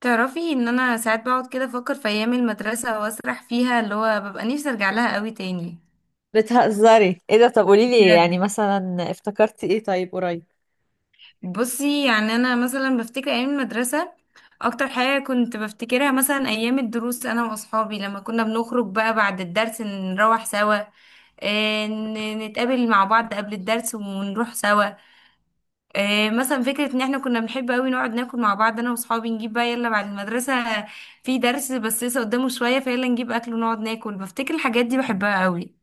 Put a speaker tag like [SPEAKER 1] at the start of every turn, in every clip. [SPEAKER 1] تعرفي ان انا ساعات بقعد كده افكر في ايام المدرسه واسرح فيها اللي هو ببقى نفسي ارجع لها قوي تاني
[SPEAKER 2] بتهزري؟ ايه ده؟ طب قولي لي
[SPEAKER 1] بجد.
[SPEAKER 2] يعني مثلا افتكرتي ايه طيب قريب؟
[SPEAKER 1] بصي، يعني انا مثلا بفتكر ايام المدرسه، اكتر حاجه كنت بفتكرها مثلا ايام الدروس انا واصحابي لما كنا بنخرج بقى بعد الدرس نروح سوا. نتقابل مع بعض قبل الدرس ونروح سوا. مثلا فكرة ان احنا كنا بنحب قوي نقعد ناكل مع بعض، انا واصحابي نجيب بقى يلا بعد المدرسة في درس بس لسه قدامه شوية، فيلا نجيب اكل ونقعد ناكل. بفتكر الحاجات دي بحبها قوي.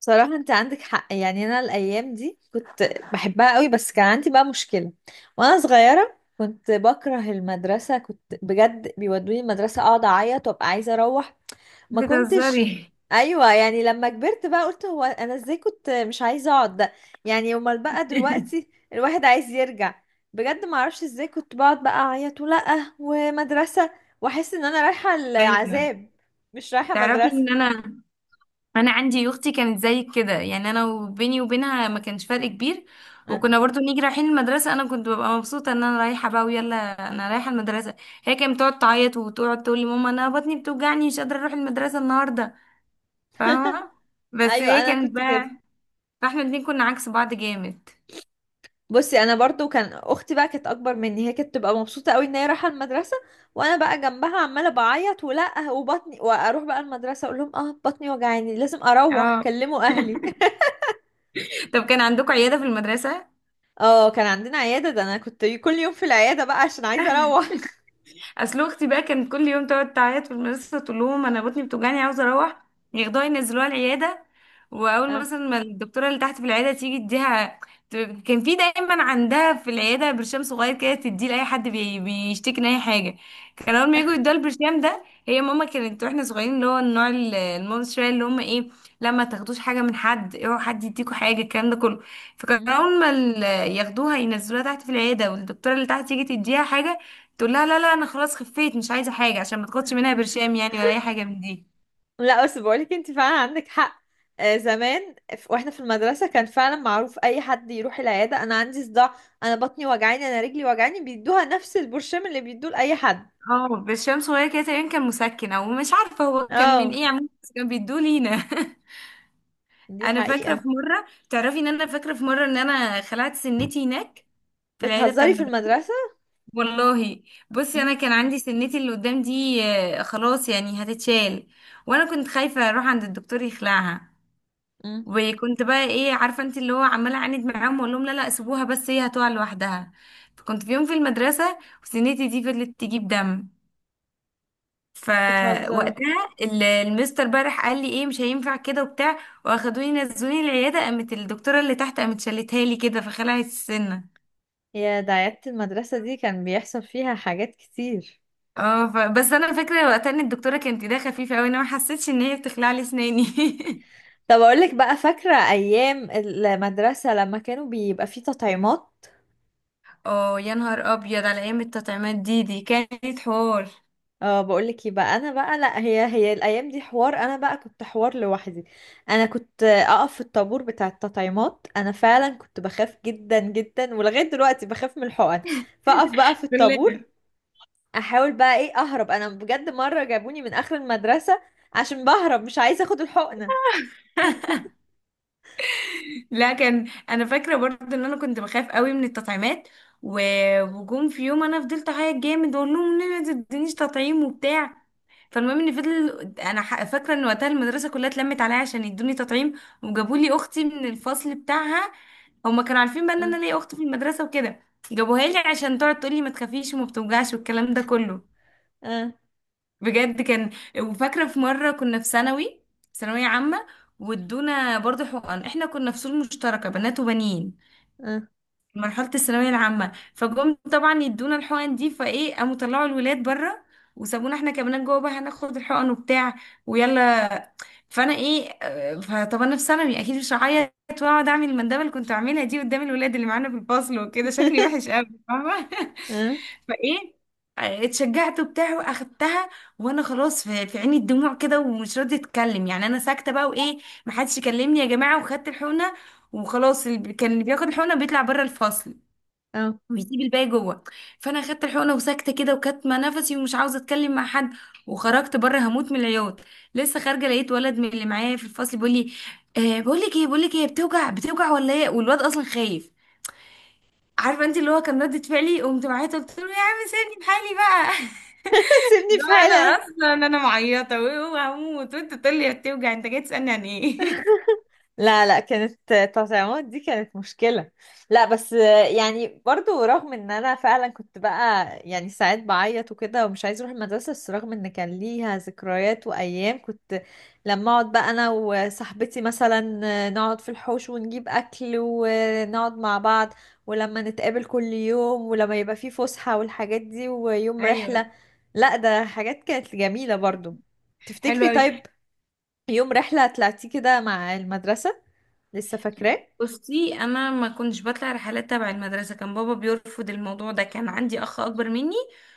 [SPEAKER 2] بصراحة انت عندك حق. يعني انا الايام دي كنت بحبها قوي، بس كان عندي بقى مشكلة. وانا صغيرة كنت بكره المدرسة، كنت بجد بيودوني المدرسة اقعد اعيط وابقى عايزة اروح. ما كنتش.
[SPEAKER 1] بتهزري؟
[SPEAKER 2] ايوه، يعني لما كبرت بقى قلت هو انا ازاي كنت مش عايزه اقعد ده؟ يعني امال بقى دلوقتي الواحد عايز يرجع. بجد ما اعرفش ازاي كنت بقعد بقى اعيط ولا ومدرسه، واحس ان انا رايحه
[SPEAKER 1] ايوه.
[SPEAKER 2] العذاب مش رايحه
[SPEAKER 1] تعرفي
[SPEAKER 2] مدرسه.
[SPEAKER 1] ان انا، انا عندي اختي كانت زي كده، يعني انا وبيني وبينها ما كانش فرق كبير.
[SPEAKER 2] أه.
[SPEAKER 1] وكنا برضو نيجي رايحين المدرسة، انا كنت ببقى مبسوطة ان انا رايحة بقى ويلا، انا رايحة المدرسة. هي كانت بتقعد تعيط وتقعد تقول لي ماما انا بطني بتوجعني مش قادرة اروح المدرسة النهاردة، فاهمة؟ بس
[SPEAKER 2] ايوه
[SPEAKER 1] هي
[SPEAKER 2] انا
[SPEAKER 1] كانت
[SPEAKER 2] كنت
[SPEAKER 1] بقى،
[SPEAKER 2] كده.
[SPEAKER 1] فاحنا الاتنين كنا عكس بعض جامد.
[SPEAKER 2] بصي، انا برضو كان اختي بقى كانت اكبر مني، هي كانت تبقى مبسوطه قوي ان هي رايحه المدرسه، وانا بقى جنبها عماله بعيط ولا وبطني، واروح بقى المدرسه اقول لهم اه بطني وجعاني، لازم اروح
[SPEAKER 1] اه،
[SPEAKER 2] كلموا اهلي.
[SPEAKER 1] طب كان عندكم عيادة في المدرسة.
[SPEAKER 2] اه كان عندنا عيادة، ده انا كنت كل يوم في العيادة بقى عشان عايزة اروح.
[SPEAKER 1] اصل اختي بقى كانت كل يوم تقعد تعيط في المدرسه تقول لهم انا بطني بتوجعني عاوزه اروح، ياخدوها ينزلوها العياده. واول
[SPEAKER 2] اه.
[SPEAKER 1] مثلا ما الدكتوره اللي تحت في العياده تيجي اديها، كان في دايما عندها في العياده برشام صغير كده تديه لاي حد بيشتكي من اي حاجه. كان اول ما يجوا يدوها البرشام ده. هي ماما كانت واحنا صغيرين اللي هو النوع الماما شويه، اللي هم ايه، لما تاخدوش حاجه من حد، اوعوا حد يديكوا حاجه، الكلام ده كله. فكان
[SPEAKER 2] مم.
[SPEAKER 1] اول ما ياخدوها ينزلوها تحت في العياده والدكتوره اللي تحت تيجي تديها حاجه، تقول لها لا لا انا خلاص خفيت مش عايزه حاجه، عشان ما تاخدش منها برشام يعني ولا اي حاجه من دي.
[SPEAKER 2] لا بس بقولك انت فعلا عندك حق. آه زمان واحنا في المدرسة كان فعلا معروف اي حد يروح العيادة انا عندي صداع، انا بطني وجعاني، انا رجلي وجعاني، بيدوها نفس البرشام اللي بيدوه لأي حد.
[SPEAKER 1] اه برشام صغير كده، تقريبا كان مسكن او مش عارفه هو كان من
[SPEAKER 2] اه
[SPEAKER 1] ايه، عموما بس كان بيدوه لينا.
[SPEAKER 2] دي
[SPEAKER 1] انا فاكره
[SPEAKER 2] حقيقة.
[SPEAKER 1] في مره، ان انا خلعت سنتي هناك في العياده بتاع
[SPEAKER 2] بتهزري؟ في
[SPEAKER 1] المدرسه.
[SPEAKER 2] المدرسة؟
[SPEAKER 1] والله، بصي انا
[SPEAKER 2] مم.
[SPEAKER 1] كان عندي سنتي اللي قدام دي خلاص يعني هتتشال. وانا كنت خايفه اروح عند الدكتور يخلعها،
[SPEAKER 2] مم.
[SPEAKER 1] وكنت بقى ايه، عارفه انت اللي هو عماله اعاند معاهم واقول لهم لا لا سيبوها، بس هي هتقع لوحدها. فكنت في يوم في المدرسه وسنتي دي فضلت تجيب دم،
[SPEAKER 2] بتهزري؟
[SPEAKER 1] فوقتها المستر بقى راح قال لي ايه مش هينفع كده وبتاع. واخدوني نزلوني العياده، قامت الدكتوره اللي تحت قامت شالتها لي كده فخلعت السنه.
[SPEAKER 2] يا ده عيادة المدرسة دي كان بيحصل فيها حاجات كتير.
[SPEAKER 1] اه بس انا فاكره وقتها ان الدكتوره كانت ايديها خفيفه قوي، انا ما حسيتش ان هي بتخلع لي اسناني.
[SPEAKER 2] طب اقول لك بقى، فاكره ايام المدرسه لما كانوا بيبقى فيه تطعيمات؟
[SPEAKER 1] اه يا نهار ابيض، على ايام التطعيمات دي كانت حوار.
[SPEAKER 2] اه بقول لك، يبقى انا بقى لا، هي الايام دي حوار، انا بقى كنت حوار لوحدي. انا كنت اقف في الطابور بتاع التطعيمات، انا فعلا كنت بخاف جدا جدا، ولغايه دلوقتي بخاف من الحقن. فاقف بقى في الطابور، احاول بقى ايه اهرب. انا بجد مره جابوني من اخر المدرسه عشان بهرب مش عايزه اخد الحقنه.
[SPEAKER 1] لا كان، انا فاكره برضه ان انا كنت بخاف قوي من التطعيمات، وجم في يوم انا فضلت اعيط جامد واقول لهم لا ما تدينيش تطعيم وبتاع. فالمهم ان فضل انا فاكره ان وقتها المدرسه كلها اتلمت عليا عشان يدوني تطعيم، وجابوا لي اختي من الفصل بتاعها. هما كانوا عارفين بقى ان
[SPEAKER 2] اه.
[SPEAKER 1] انا ليا اخت في المدرسه وكده، جابوها لي عشان تقعد تقول لي ما تخافيش وما بتوجعش والكلام ده كله.
[SPEAKER 2] اه.
[SPEAKER 1] بجد كان، وفاكره في مره كنا في ثانوي، ثانويه عامه، وادونا برضه حقن. احنا كنا فصول مشتركه بنات وبنين،
[SPEAKER 2] اه.
[SPEAKER 1] مرحلة الثانوية العامة، فجم طبعا يدونا الحقن دي، فايه قاموا طلعوا الولاد بره وسابونا احنا كمان جوه بقى هناخد الحقن وبتاع ويلا. فانا ايه، فطب انا في ثانوي اكيد مش هعيط واقعد اعمل المندبه اللي كنت اعملها دي قدام الولاد اللي معانا في الفصل وكده، شكلي وحش قوي، فاهمه؟
[SPEAKER 2] اه.
[SPEAKER 1] فايه اتشجعت وبتاع واخدتها. وانا خلاص في عيني الدموع كده ومش راضيه اتكلم، يعني انا ساكته بقى وايه، محدش يكلمني يا جماعه. وخدت الحقنه وخلاص، اللي كان اللي بياخد الحقنه بيطلع بره الفصل
[SPEAKER 2] اه.
[SPEAKER 1] ويسيب الباقي جوه. فانا خدت الحقنه وساكته كده وكاتمه نفسي ومش عاوزه اتكلم مع حد، وخرجت بره هموت من العياط. لسه خارجه لقيت ولد من اللي معايا في الفصل بيقول لي، آه بقول لك ايه، بقول لك ايه، بتوجع بتوجع ولا ايه، والواد اصلا خايف. عارفه انت اللي هو كان ردة فعلي، قمت معايا قلت له يا عم سيبني بحالي بقى.
[SPEAKER 2] سيبني
[SPEAKER 1] ده
[SPEAKER 2] في
[SPEAKER 1] انا
[SPEAKER 2] حالي.
[SPEAKER 1] اصلا انا معيطه وهموت وانت تقول لي بتوجع، انت جاي تسالني عن ايه.
[SPEAKER 2] لا لا، كانت تطعيمات دي كانت مشكلة. لا بس يعني برضو رغم ان انا فعلا كنت بقى يعني ساعات بعيط وكده ومش عايز اروح المدرسة، بس رغم ان كان ليها ذكريات وايام كنت لما اقعد بقى انا وصاحبتي مثلا نقعد في الحوش ونجيب اكل ونقعد مع بعض، ولما نتقابل كل يوم، ولما يبقى في فسحة والحاجات دي، ويوم رحلة.
[SPEAKER 1] ايوه.
[SPEAKER 2] لا ده حاجات كانت جميلة برضو.
[SPEAKER 1] حلو
[SPEAKER 2] تفتكري
[SPEAKER 1] قوي.
[SPEAKER 2] طيب يوم رحلة طلعتيه كده مع المدرسة؟ لسه فاكراه؟
[SPEAKER 1] بصي انا ما كنتش بطلع رحلات تبع المدرسه، كان بابا بيرفض الموضوع ده. كان عندي اخ اكبر مني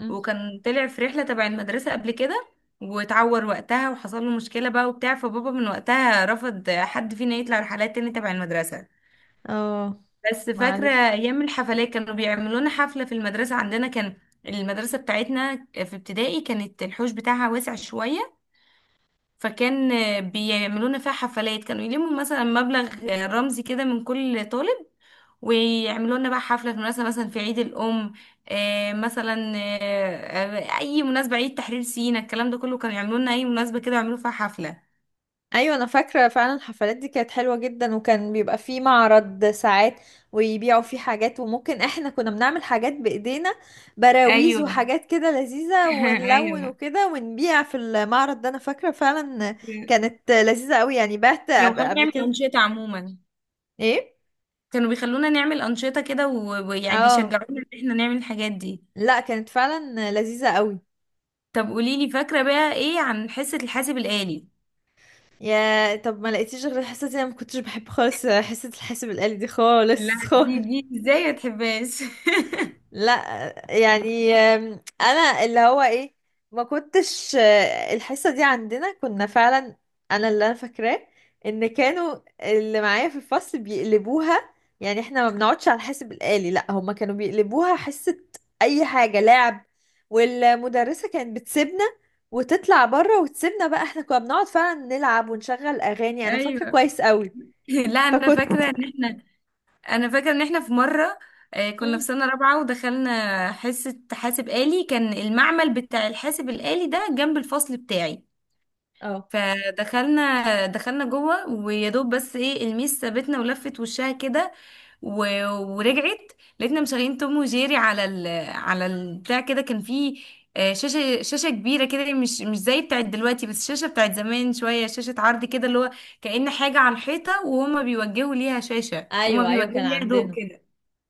[SPEAKER 2] مم.
[SPEAKER 1] وكان طلع في رحله تبع المدرسه قبل كده، واتعور وقتها وحصل له مشكله بقى وبتاع، فبابا من وقتها رفض حد فينا يطلع رحلات تاني تبع المدرسه.
[SPEAKER 2] اه.
[SPEAKER 1] بس فاكره
[SPEAKER 2] معلش.
[SPEAKER 1] ايام الحفلات، كانوا بيعملوا لنا حفله في المدرسه عندنا. كان المدرسه بتاعتنا في ابتدائي كانت الحوش بتاعها واسع شويه، فكان بيعملونا فيها حفلات، كانوا يلموا مثلا مبلغ رمزي كده من كل طالب ويعملوا لنا بقى حفلة في مناسبة مثلا في عيد الأم، مثلا، أي مناسبة، عيد تحرير سينا، الكلام ده كله، كانوا يعملوا لنا أي مناسبة كده يعملوا فيها حفلة.
[SPEAKER 2] ايوه انا فاكره فعلا الحفلات دي كانت حلوه جدا، وكان بيبقى فيه معرض ساعات ويبيعوا فيه حاجات، وممكن احنا كنا بنعمل حاجات بايدينا، براويز
[SPEAKER 1] ايوه.
[SPEAKER 2] وحاجات كده لذيذه، ونلون
[SPEAKER 1] ايوه.
[SPEAKER 2] وكده ونبيع في المعرض ده، انا فاكره فعلا. كانت لذيذه قوي يعني، بعت
[SPEAKER 1] لو
[SPEAKER 2] قبل
[SPEAKER 1] خلونا
[SPEAKER 2] قبل
[SPEAKER 1] نعمل
[SPEAKER 2] كده.
[SPEAKER 1] أنشطة عموما،
[SPEAKER 2] ايه؟
[SPEAKER 1] كانوا بيخلونا نعمل أنشطة كده، ويعني
[SPEAKER 2] اه.
[SPEAKER 1] بيشجعونا إن احنا نعمل الحاجات دي.
[SPEAKER 2] لا كانت فعلا لذيذه قوي.
[SPEAKER 1] طب قوليلي، فاكرة بقى إيه عن حصة الحاسب الآلي؟
[SPEAKER 2] يا طب ما لقيتيش غير الحصة دي، انا ما كنتش بحب خالص حصة الحاسب الآلي دي
[SPEAKER 1] لا،
[SPEAKER 2] خالص.
[SPEAKER 1] دي
[SPEAKER 2] خالص.
[SPEAKER 1] دي ازاي ما تحبهاش!
[SPEAKER 2] لا يعني انا اللي هو ايه، ما كنتش الحصة دي عندنا كنا فعلا، انا اللي انا فاكراه ان كانوا اللي معايا في الفصل بيقلبوها. يعني احنا ما بنقعدش على الحاسب الآلي، لا هما كانوا بيقلبوها حصة اي حاجة لعب، والمدرسة كانت بتسيبنا وتطلع بره وتسيبنا بقى، احنا كنا بنقعد فعلا نلعب ونشغل اغاني، انا فاكره
[SPEAKER 1] ايوه.
[SPEAKER 2] كويس قوي.
[SPEAKER 1] لا
[SPEAKER 2] فكنت.
[SPEAKER 1] انا فاكره ان احنا في مره، كنا في
[SPEAKER 2] مم.
[SPEAKER 1] سنه رابعه ودخلنا حصه حاسب آلي. كان المعمل بتاع الحاسب الآلي ده جنب الفصل بتاعي،
[SPEAKER 2] اه.
[SPEAKER 1] فدخلنا جوه ويا دوب بس ايه، الميس سابتنا ولفت وشها كده ورجعت لقيتنا مشغلين توم وجيري على ال على البتاع كده. كان فيه شاشة، شاشة كبيرة كده، مش زي بتاعت دلوقتي، بس شاشة بتاعت زمان شوية، شاشة عرض كده اللي هو كأن حاجة على الحيطة وهما بيوجهوا ليها شاشة وهما
[SPEAKER 2] ايوه ايوه
[SPEAKER 1] بيوجهوا
[SPEAKER 2] كان
[SPEAKER 1] ليها ضوء
[SPEAKER 2] عندنا.
[SPEAKER 1] كده.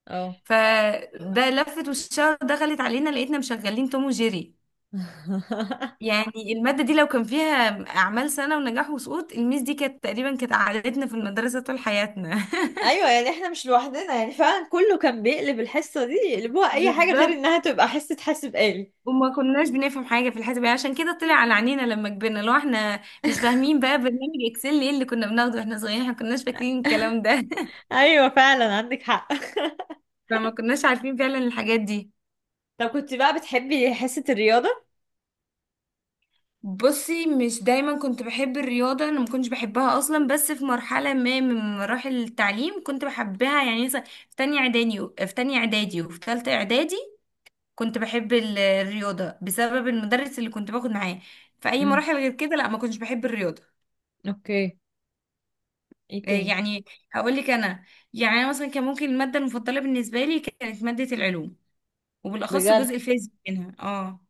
[SPEAKER 2] اه.
[SPEAKER 1] فده لفت والشهر دخلت علينا لقيتنا مشغلين توم وجيري. يعني المادة دي لو كان فيها أعمال سنة ونجاح وسقوط الميس دي كانت تقريبا، كانت عادتنا في المدرسة طول حياتنا.
[SPEAKER 2] ايوه يعني احنا مش لوحدنا، يعني فعلا كله كان بيقلب الحصه دي، يقلبوها اي حاجه غير
[SPEAKER 1] بالظبط.
[SPEAKER 2] انها تبقى حصه حاسب آلي.
[SPEAKER 1] وما كناش بنفهم حاجة في الحساب، يعني عشان كده طلع على عينينا لما كبرنا لو احنا مش فاهمين بقى برنامج اكسل، ايه اللي كنا بناخده واحنا صغيرين، احنا كناش فاكرين الكلام ده.
[SPEAKER 2] ايوه فعلا عندك حق.
[SPEAKER 1] فما كناش عارفين فعلا الحاجات دي.
[SPEAKER 2] طب كنت بقى بتحبي حصه الرياضه؟
[SPEAKER 1] بصي، مش دايما كنت بحب الرياضة، انا ما كنتش بحبها اصلا، بس في مرحلة ما من مراحل التعليم كنت بحبها، يعني مثلا في تانية اعدادي، وفي تالتة اعدادي كنت بحب الرياضة بسبب المدرس اللي كنت باخد معاه. في اي
[SPEAKER 2] امم.
[SPEAKER 1] مراحل غير كده لا ما كنتش بحب الرياضة.
[SPEAKER 2] اوكي. ايه تاني؟
[SPEAKER 1] يعني هقول لك انا، يعني انا مثلا كان ممكن المادة المفضلة بالنسبة لي كانت مادة العلوم، وبالاخص
[SPEAKER 2] بجد؟
[SPEAKER 1] جزء الفيزياء منها. اه.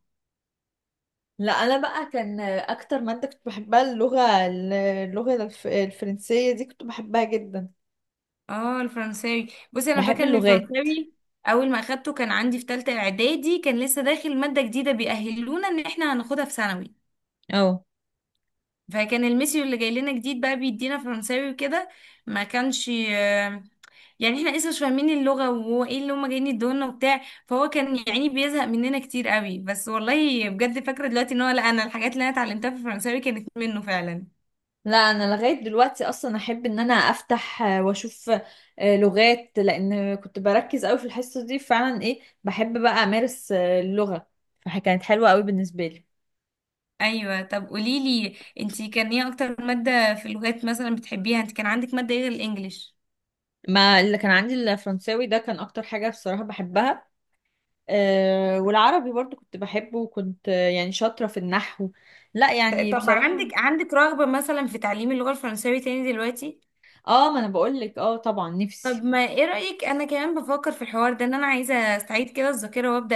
[SPEAKER 2] لا انا بقى كان اكتر ماده كنت بحبها اللغه، الفرنسيه دي كنت بحبها جدا.
[SPEAKER 1] اه، الفرنساوي. بصي انا
[SPEAKER 2] بحب
[SPEAKER 1] فاكره ان
[SPEAKER 2] اللغات.
[SPEAKER 1] الفرنساوي اول ما اخدته كان عندي في ثالثه اعدادي، كان لسه داخل ماده جديده بيأهلونا ان احنا هناخدها في ثانوي،
[SPEAKER 2] اه
[SPEAKER 1] فكان الميسيو اللي جاي لنا جديد بقى بيدينا فرنساوي وكده. ما كانش يعني احنا لسه مش فاهمين اللغه وهو ايه اللي هما جايين يدونا وبتاع، فهو كان يعني بيزهق مننا كتير قوي، بس والله بجد فاكره دلوقتي ان هو، لا انا الحاجات اللي انا اتعلمتها في الفرنساوي كانت منه فعلا.
[SPEAKER 2] لا انا لغايه دلوقتي اصلا احب ان انا افتح واشوف لغات، لان كنت بركز قوي في الحصه دي فعلا، ايه بحب بقى امارس اللغه، فكانت حلوه قوي بالنسبه لي.
[SPEAKER 1] ايوه. طب قولي لي انت كان ايه اكتر ماده في اللغات مثلا بتحبيها، انت كان عندك ماده ايه غير الانجليش؟
[SPEAKER 2] ما اللي كان عندي الفرنساوي ده كان اكتر حاجه بصراحه بحبها. والعربي برضو كنت بحبه، وكنت يعني شاطره في النحو. لا يعني
[SPEAKER 1] طب
[SPEAKER 2] بصراحه.
[SPEAKER 1] عندك رغبه مثلا في تعليم اللغه الفرنساوي تاني دلوقتي؟
[SPEAKER 2] اه ما انا بقول لك اه طبعا
[SPEAKER 1] طب
[SPEAKER 2] نفسي.
[SPEAKER 1] ما ايه رايك، انا كمان بفكر في الحوار ده، ان انا عايزه استعيد كده الذاكره وابدا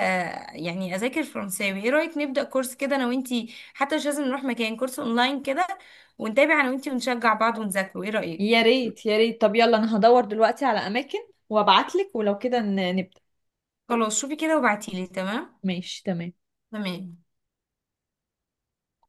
[SPEAKER 1] يعني اذاكر فرنساوي. ايه رايك نبدا كورس كده انا وانتي، حتى مش لازم نروح مكان، كورس اونلاين كده، ونتابع انا وانتي ونشجع بعض ونذاكره، ايه رايك؟
[SPEAKER 2] يا ريت يا ريت. طب يلا انا هدور دلوقتي على اماكن وابعت لك، ولو كده نبدا.
[SPEAKER 1] خلاص شوفي كده وابعتيلي. تمام.
[SPEAKER 2] ماشي تمام.
[SPEAKER 1] تمام.